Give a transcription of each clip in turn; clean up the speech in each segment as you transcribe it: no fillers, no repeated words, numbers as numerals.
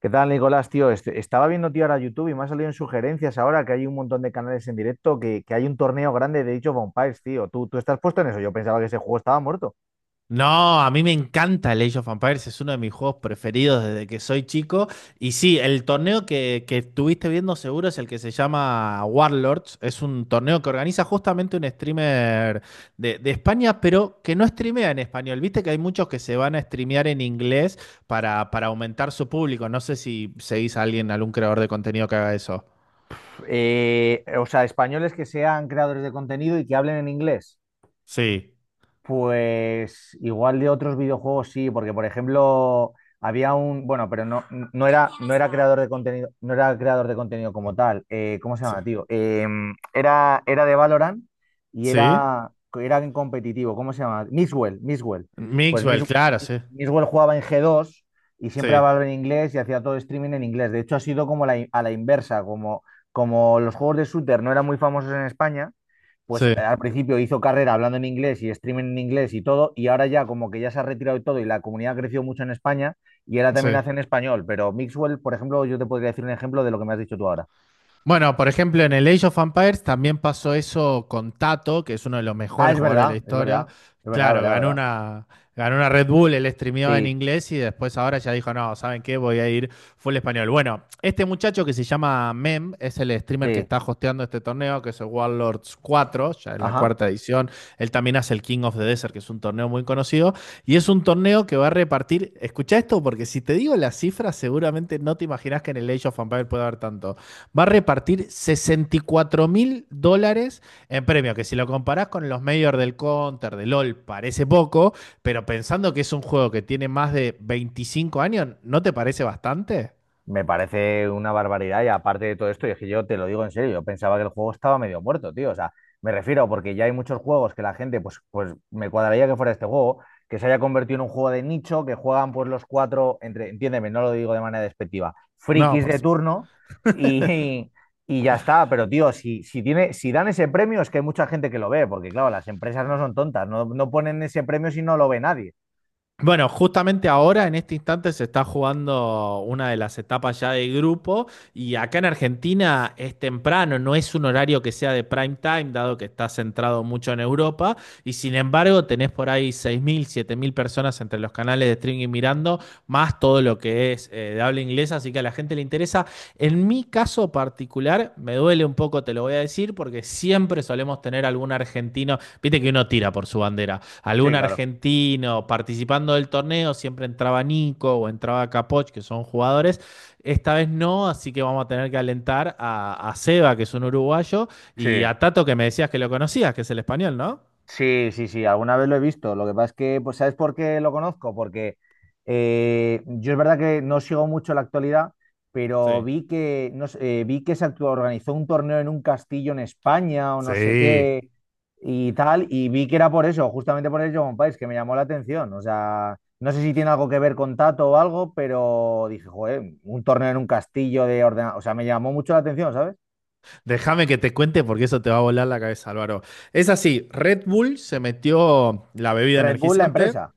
¿Qué tal, Nicolás, tío? Estaba viendo, tío, ahora YouTube y me ha salido en sugerencias ahora que hay un montón de canales en directo, que hay un torneo grande de dicho vampires, tío. ¿Tú estás puesto en eso? Yo pensaba que ese juego estaba muerto. No, a mí me encanta el Age of Empires, es uno de mis juegos preferidos desde que soy chico. Y sí, el torneo que estuviste viendo seguro es el que se llama Warlords. Es un torneo que organiza justamente un streamer de España, pero que no streamea en español. Viste que hay muchos que se van a streamear en inglés para aumentar su público. No sé si seguís a alguien, algún creador de contenido que haga eso. O sea, españoles que sean creadores de contenido y que hablen en inglés. Sí, Pues igual de otros videojuegos sí, porque por ejemplo había un, bueno, pero no, no era creador de contenido, no era creador de contenido como tal. ¿Cómo se sí, llama, tío? Era de Valorant y sí, era, era en competitivo. ¿Cómo se llama? Mixwell, Mixwell. Pues Mixwell, Mix- claro, sí. Mixwell jugaba en G2 y siempre Sí, hablaba en inglés y hacía todo streaming en inglés. De hecho, ha sido como a la inversa, como, como los juegos de shooter no eran muy famosos en España pues sí, al principio hizo carrera hablando en inglés y streaming en inglés y todo, y ahora ya como que ya se ha retirado y todo, y la comunidad ha crecido mucho en España, y ahora sí. también hace en español, pero Mixwell, por ejemplo, yo te podría decir un ejemplo de lo que me has dicho tú ahora. Bueno, por ejemplo, en el Age of Empires también pasó eso con Tato, que es uno de los Ah, mejores es jugadores de la verdad, es historia. verdad, es verdad, es Claro, verdad, es verdad. Ganó una Red Bull, él streameaba en Sí, inglés y después ahora ya dijo, no, ¿saben qué? Voy a ir full español. Bueno, este muchacho que se llama Mem es el streamer que sí, está hosteando este torneo, que es el Warlords cuatro, ya es la ajá. cuarta edición. Él también hace el King of the Desert, que es un torneo muy conocido. Y es un torneo que va a repartir, escucha esto, porque si te digo las cifras, seguramente no te imaginas que en el Age of Empires puede haber tanto, va a repartir $64.000 en premio, que si lo comparás con los mayores del Counter, del LOL, parece poco, pero pensando que es un juego que tiene más de 25 años, ¿no te parece bastante? Me parece una barbaridad y aparte de todo esto, y es que yo te lo digo en serio, yo pensaba que el juego estaba medio muerto, tío. O sea, me refiero porque ya hay muchos juegos que la gente, pues me cuadraría que fuera este juego, que se haya convertido en un juego de nicho, que juegan pues los cuatro, entre, entiéndeme, no lo digo de manera despectiva, No, frikis por de su- turno y, y ya está. Pero, tío, tiene, si dan ese premio es que hay mucha gente que lo ve, porque claro, las empresas no son tontas, no ponen ese premio si no lo ve nadie. Bueno, justamente ahora, en este instante, se está jugando una de las etapas ya de grupo y acá en Argentina es temprano, no es un horario que sea de prime time, dado que está centrado mucho en Europa y sin embargo tenés por ahí 6.000, 7.000 personas entre los canales de streaming mirando, más todo lo que es de habla inglesa, así que a la gente le interesa. En mi caso particular, me duele un poco, te lo voy a decir, porque siempre solemos tener algún argentino, viste que uno tira por su bandera, algún Sí, claro. argentino participando del torneo, siempre entraba Nico o entraba Capoch, que son jugadores. Esta vez no, así que vamos a tener que alentar a Seba, que es un uruguayo, Sí, y a Tato, que me decías que lo conocías, que es el español, ¿no? sí, sí, sí, alguna vez lo he visto. Lo que pasa es que, pues, ¿sabes por qué lo conozco? Porque yo es verdad que no sigo mucho la actualidad, pero Sí. vi que, no sé, vi que organizó un torneo en un castillo en España o no sé Sí. qué y tal, y vi que era por eso, justamente por el Dragon País, que me llamó la atención. O sea, no sé si tiene algo que ver con Tato o algo, pero dije, joder, un torneo en un castillo de ordena... O sea, me llamó mucho la atención, ¿sabes? Déjame que te cuente porque eso te va a volar la cabeza, Álvaro. Es así, Red Bull se metió la bebida Red Bull, la energizante. empresa.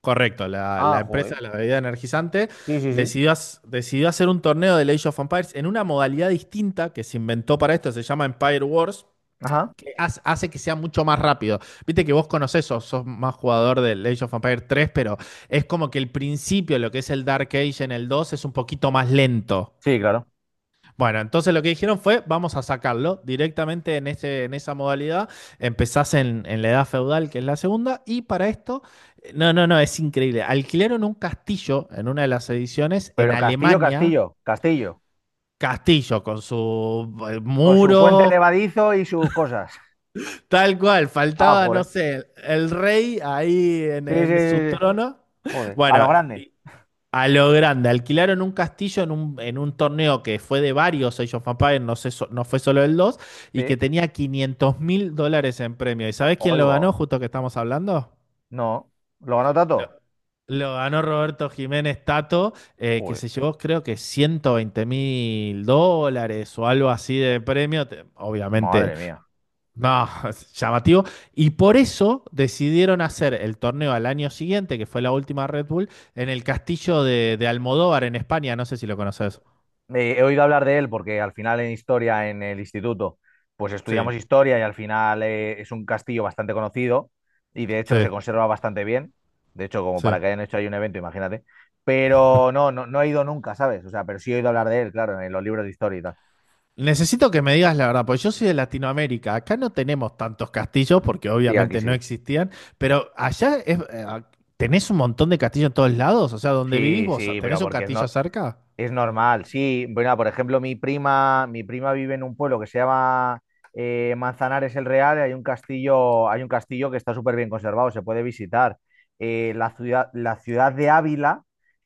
Correcto, la, Ah, la empresa joder. de la bebida energizante Sí, sí, sí. Decidió hacer un torneo de Age of Empires en una modalidad distinta que se inventó para esto, se llama Empire Wars, Ajá. que hace que sea mucho más rápido. Viste que vos conocés, sos más jugador del Age of Empires tres, pero es como que el principio, lo que es el Dark Age en el 2, es un poquito más lento. Sí, claro. Bueno, entonces lo que dijeron fue, vamos a sacarlo directamente en, ese, en esa modalidad. Empezás en la edad feudal, que es la segunda, y para esto, no, no, no, es increíble. Alquilaron un castillo en una de las ediciones en Pero Castillo, Alemania, Castillo, Castillo. castillo con su Con su puente muro, levadizo y sus cosas. tal cual, Ah, faltaba, no joder. sé, el rey ahí Sí, sí, en su sí, sí. trono. Joder. A Bueno, lo grande. y, A lo grande, alquilaron un castillo en un torneo que fue de varios Age of Empires, no sé, so- no fue solo el 2 y que Sí. tenía $500.000 en premio. ¿Y sabés quién lo ganó, Oigo. justo que estamos hablando? No. ¿Lo ganó Lo, Tato? lo ganó Roberto Jiménez Tato, que Joder. se llevó creo que $120.000 o algo así de premio. Te- Obviamente Madre mía. no, es llamativo. Y por eso decidieron hacer el torneo al año siguiente, que fue la última Red Bull, en el castillo de Almodóvar en España. No sé si lo conoces. He oído hablar de él porque al final en historia, en el instituto, pues Sí. estudiamos historia y al final es un castillo bastante conocido y de hecho Sí, se conserva bastante bien. De hecho, como sí. para que hayan hecho ahí un evento, imagínate. Pero no he ido nunca, ¿sabes? O sea, pero sí he oído hablar de él, claro, en los libros de historia y tal. Necesito que me digas la verdad, porque yo soy de Latinoamérica. Acá no tenemos tantos castillos, porque Sí, aquí obviamente no sí. existían, pero allá tenés un montón de castillos en todos lados. O sea, donde vivís Sí, vos, sí, pero ¿tenés un porque es, no, castillo cerca? es normal. Sí, bueno, por ejemplo, mi prima vive en un pueblo que se llama Manzanares el Real, y hay un castillo que está súper bien conservado, se puede visitar. La ciudad de Ávila,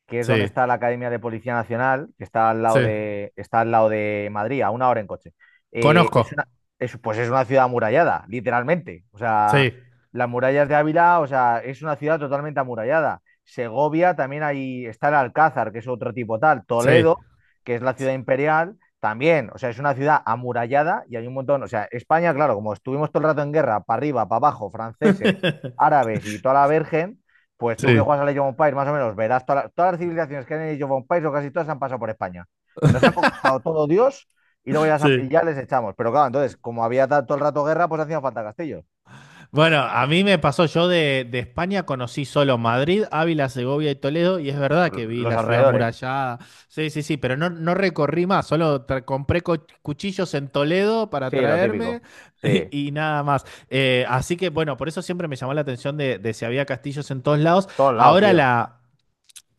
que es donde Sí, está la Academia de Policía Nacional, que está al sí, lado de, está al lado de Madrid, a una hora en coche. Eh, conozco. es una, es, pues es una ciudad amurallada, literalmente. O sea, Sí, las murallas de Ávila, o sea, es una ciudad totalmente amurallada. Segovia, también ahí está el Alcázar, que es otro tipo tal, sí. Toledo, que es la ciudad imperial, también, o sea, es una ciudad amurallada y hay un montón, o sea, España, claro, como estuvimos todo el rato en guerra, para arriba, para abajo, franceses, árabes y toda la virgen, pues tú que Sí. juegas a Age of Empires, más o menos, verás todas las civilizaciones que hay en Age of Empires o casi todas han pasado por España. Nos han conquistado todo Dios y luego ya, y Sí. ya les echamos. Pero claro, entonces, como había todo el rato guerra, pues hacían falta castillos, Bueno, a mí me pasó, yo de España conocí solo Madrid, Ávila, Segovia y Toledo, y es verdad por que vi los la ciudad alrededores. murallada, sí, sí, sí, pero no, no recorrí más, solo tra- compré co- cuchillos en Toledo para Sí, lo traerme típico. Sí, y nada más. Así que bueno, por eso siempre me llamó la atención de si había castillos en todos lados. todos lados, Ahora tío. la,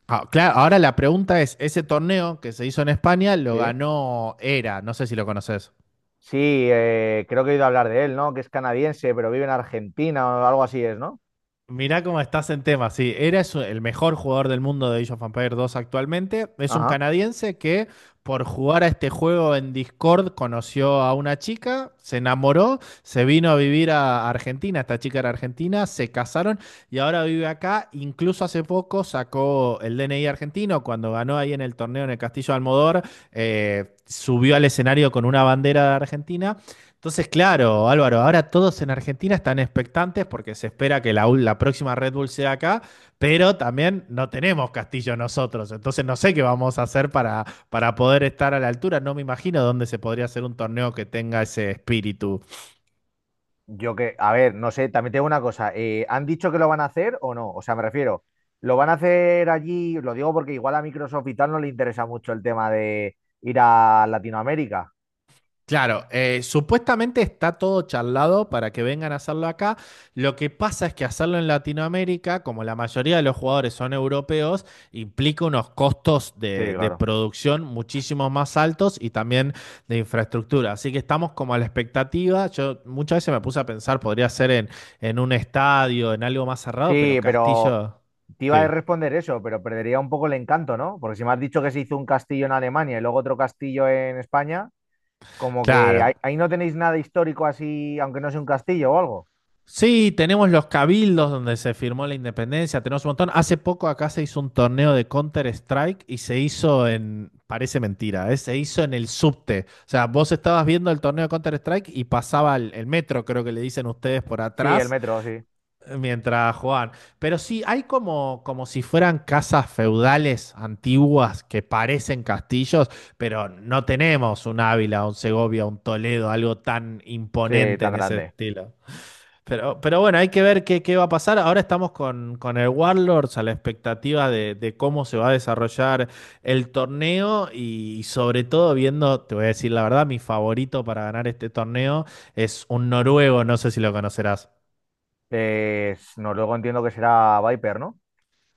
claro, ahora la pregunta es, ese torneo que se hizo en España lo Sí. ganó Era, no sé si lo conoces. Sí, creo que he oído hablar de él, ¿no? Que es canadiense, pero vive en Argentina o algo así es, ¿no? Mirá cómo estás en tema. Sí, eres el mejor jugador del mundo de Age of Empires dos actualmente. Es un Ajá. canadiense que por jugar a este juego en Discord conoció a una chica, se enamoró, se vino a vivir a Argentina. Esta chica era argentina, se casaron y ahora vive acá. Incluso hace poco sacó el DNI argentino cuando ganó ahí en el torneo en el Castillo de Almodóvar. Subió al escenario con una bandera de Argentina. Entonces, claro, Álvaro, ahora todos en Argentina están expectantes porque se espera que la próxima Red Bull sea acá, pero también no tenemos Castillo nosotros. Entonces, no sé qué vamos a hacer para poder estar a la altura. No me imagino dónde se podría hacer un torneo que tenga ese espíritu. Yo que, a ver, no sé, también tengo una cosa. ¿Han dicho que lo van a hacer o no? O sea, me refiero, ¿lo van a hacer allí? Lo digo porque igual a Microsoft y tal no le interesa mucho el tema de ir a Latinoamérica. Claro, supuestamente está todo charlado para que vengan a hacerlo acá. Lo que pasa es que hacerlo en Latinoamérica, como la mayoría de los jugadores son europeos, implica unos costos Sí, de claro. producción muchísimo más altos y también de infraestructura. Así que estamos como a la expectativa. Yo muchas veces me puse a pensar, podría ser en un estadio, en algo más cerrado, Sí, pero pero Castillo, te iba a sí, responder eso, pero perdería un poco el encanto, ¿no? Porque si me has dicho que se hizo un castillo en Alemania y luego otro castillo en España, como que claro. ahí no tenéis nada histórico así, aunque no sea un castillo o algo. Sí, tenemos los cabildos donde se firmó la independencia, tenemos un montón. Hace poco acá se hizo un torneo de Counter-Strike y se hizo en, parece mentira, ¿eh? Se hizo en el subte. O sea, vos estabas viendo el torneo de Counter-Strike y pasaba el metro, creo que le dicen ustedes, por Sí, el atrás metro, sí. Mientras jugaban. Pero sí, hay como, como si fueran casas feudales antiguas que parecen castillos, pero no tenemos un Ávila, un Segovia, un Toledo, algo tan Sí, imponente tan en ese grande. estilo. Pero bueno, hay que ver qué va a pasar. Ahora estamos con el Warlords a la expectativa de cómo se va a desarrollar el torneo y, sobre todo viendo, te voy a decir la verdad, mi favorito para ganar este torneo es un noruego, no sé si lo conocerás. Pues, no, luego entiendo que será Viper, ¿no?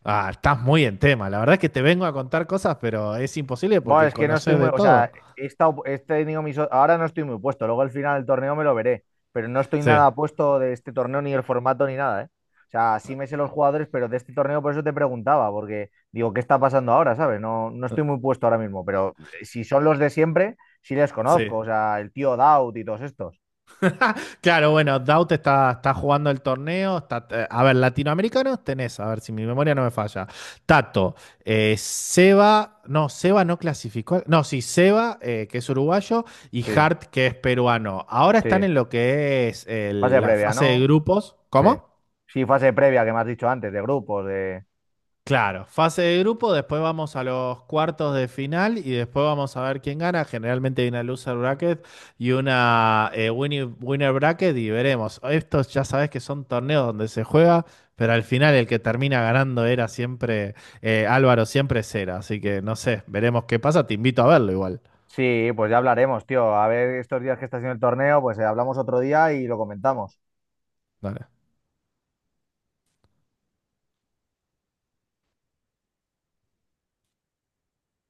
Ah, estás muy en tema. La verdad es que te vengo a contar cosas, pero es imposible Bueno, porque es que no estoy conoces muy, de o sea, todo. he estado, he tenido mis, ahora no estoy muy puesto, luego al final del torneo me lo veré, pero no estoy Sí, nada puesto de este torneo, ni el formato, ni nada, ¿eh? O sea, sí me sé los jugadores, pero de este torneo por eso te preguntaba, porque digo, ¿qué está pasando ahora, sabes? No estoy muy puesto ahora mismo, pero si son los de siempre, sí les sí. conozco, o sea, el tío Daut y todos estos. Claro, bueno, Daut está jugando el torneo. A ver, latinoamericanos tenés, a ver si mi memoria no me falla. Tato, Seba no clasificó. No, sí, Seba, que es uruguayo, y Sí, Hart, que es peruano. Ahora están sí. en lo que es Fase la previa, fase de ¿no? grupos. Sí. ¿Cómo? Sí, fase previa que me has dicho antes, de grupos, de... Claro, fase de grupo, después vamos a los cuartos de final y después vamos a ver quién gana. Generalmente hay una loser bracket y una winner bracket y veremos. Estos ya sabes que son torneos donde se juega, pero al final el que termina ganando era siempre Álvaro, siempre Cera. Así que no sé, veremos qué pasa. Te invito a verlo igual. Sí, pues ya hablaremos, tío. A ver, estos días que está haciendo el torneo, pues hablamos otro día y lo comentamos. Dale.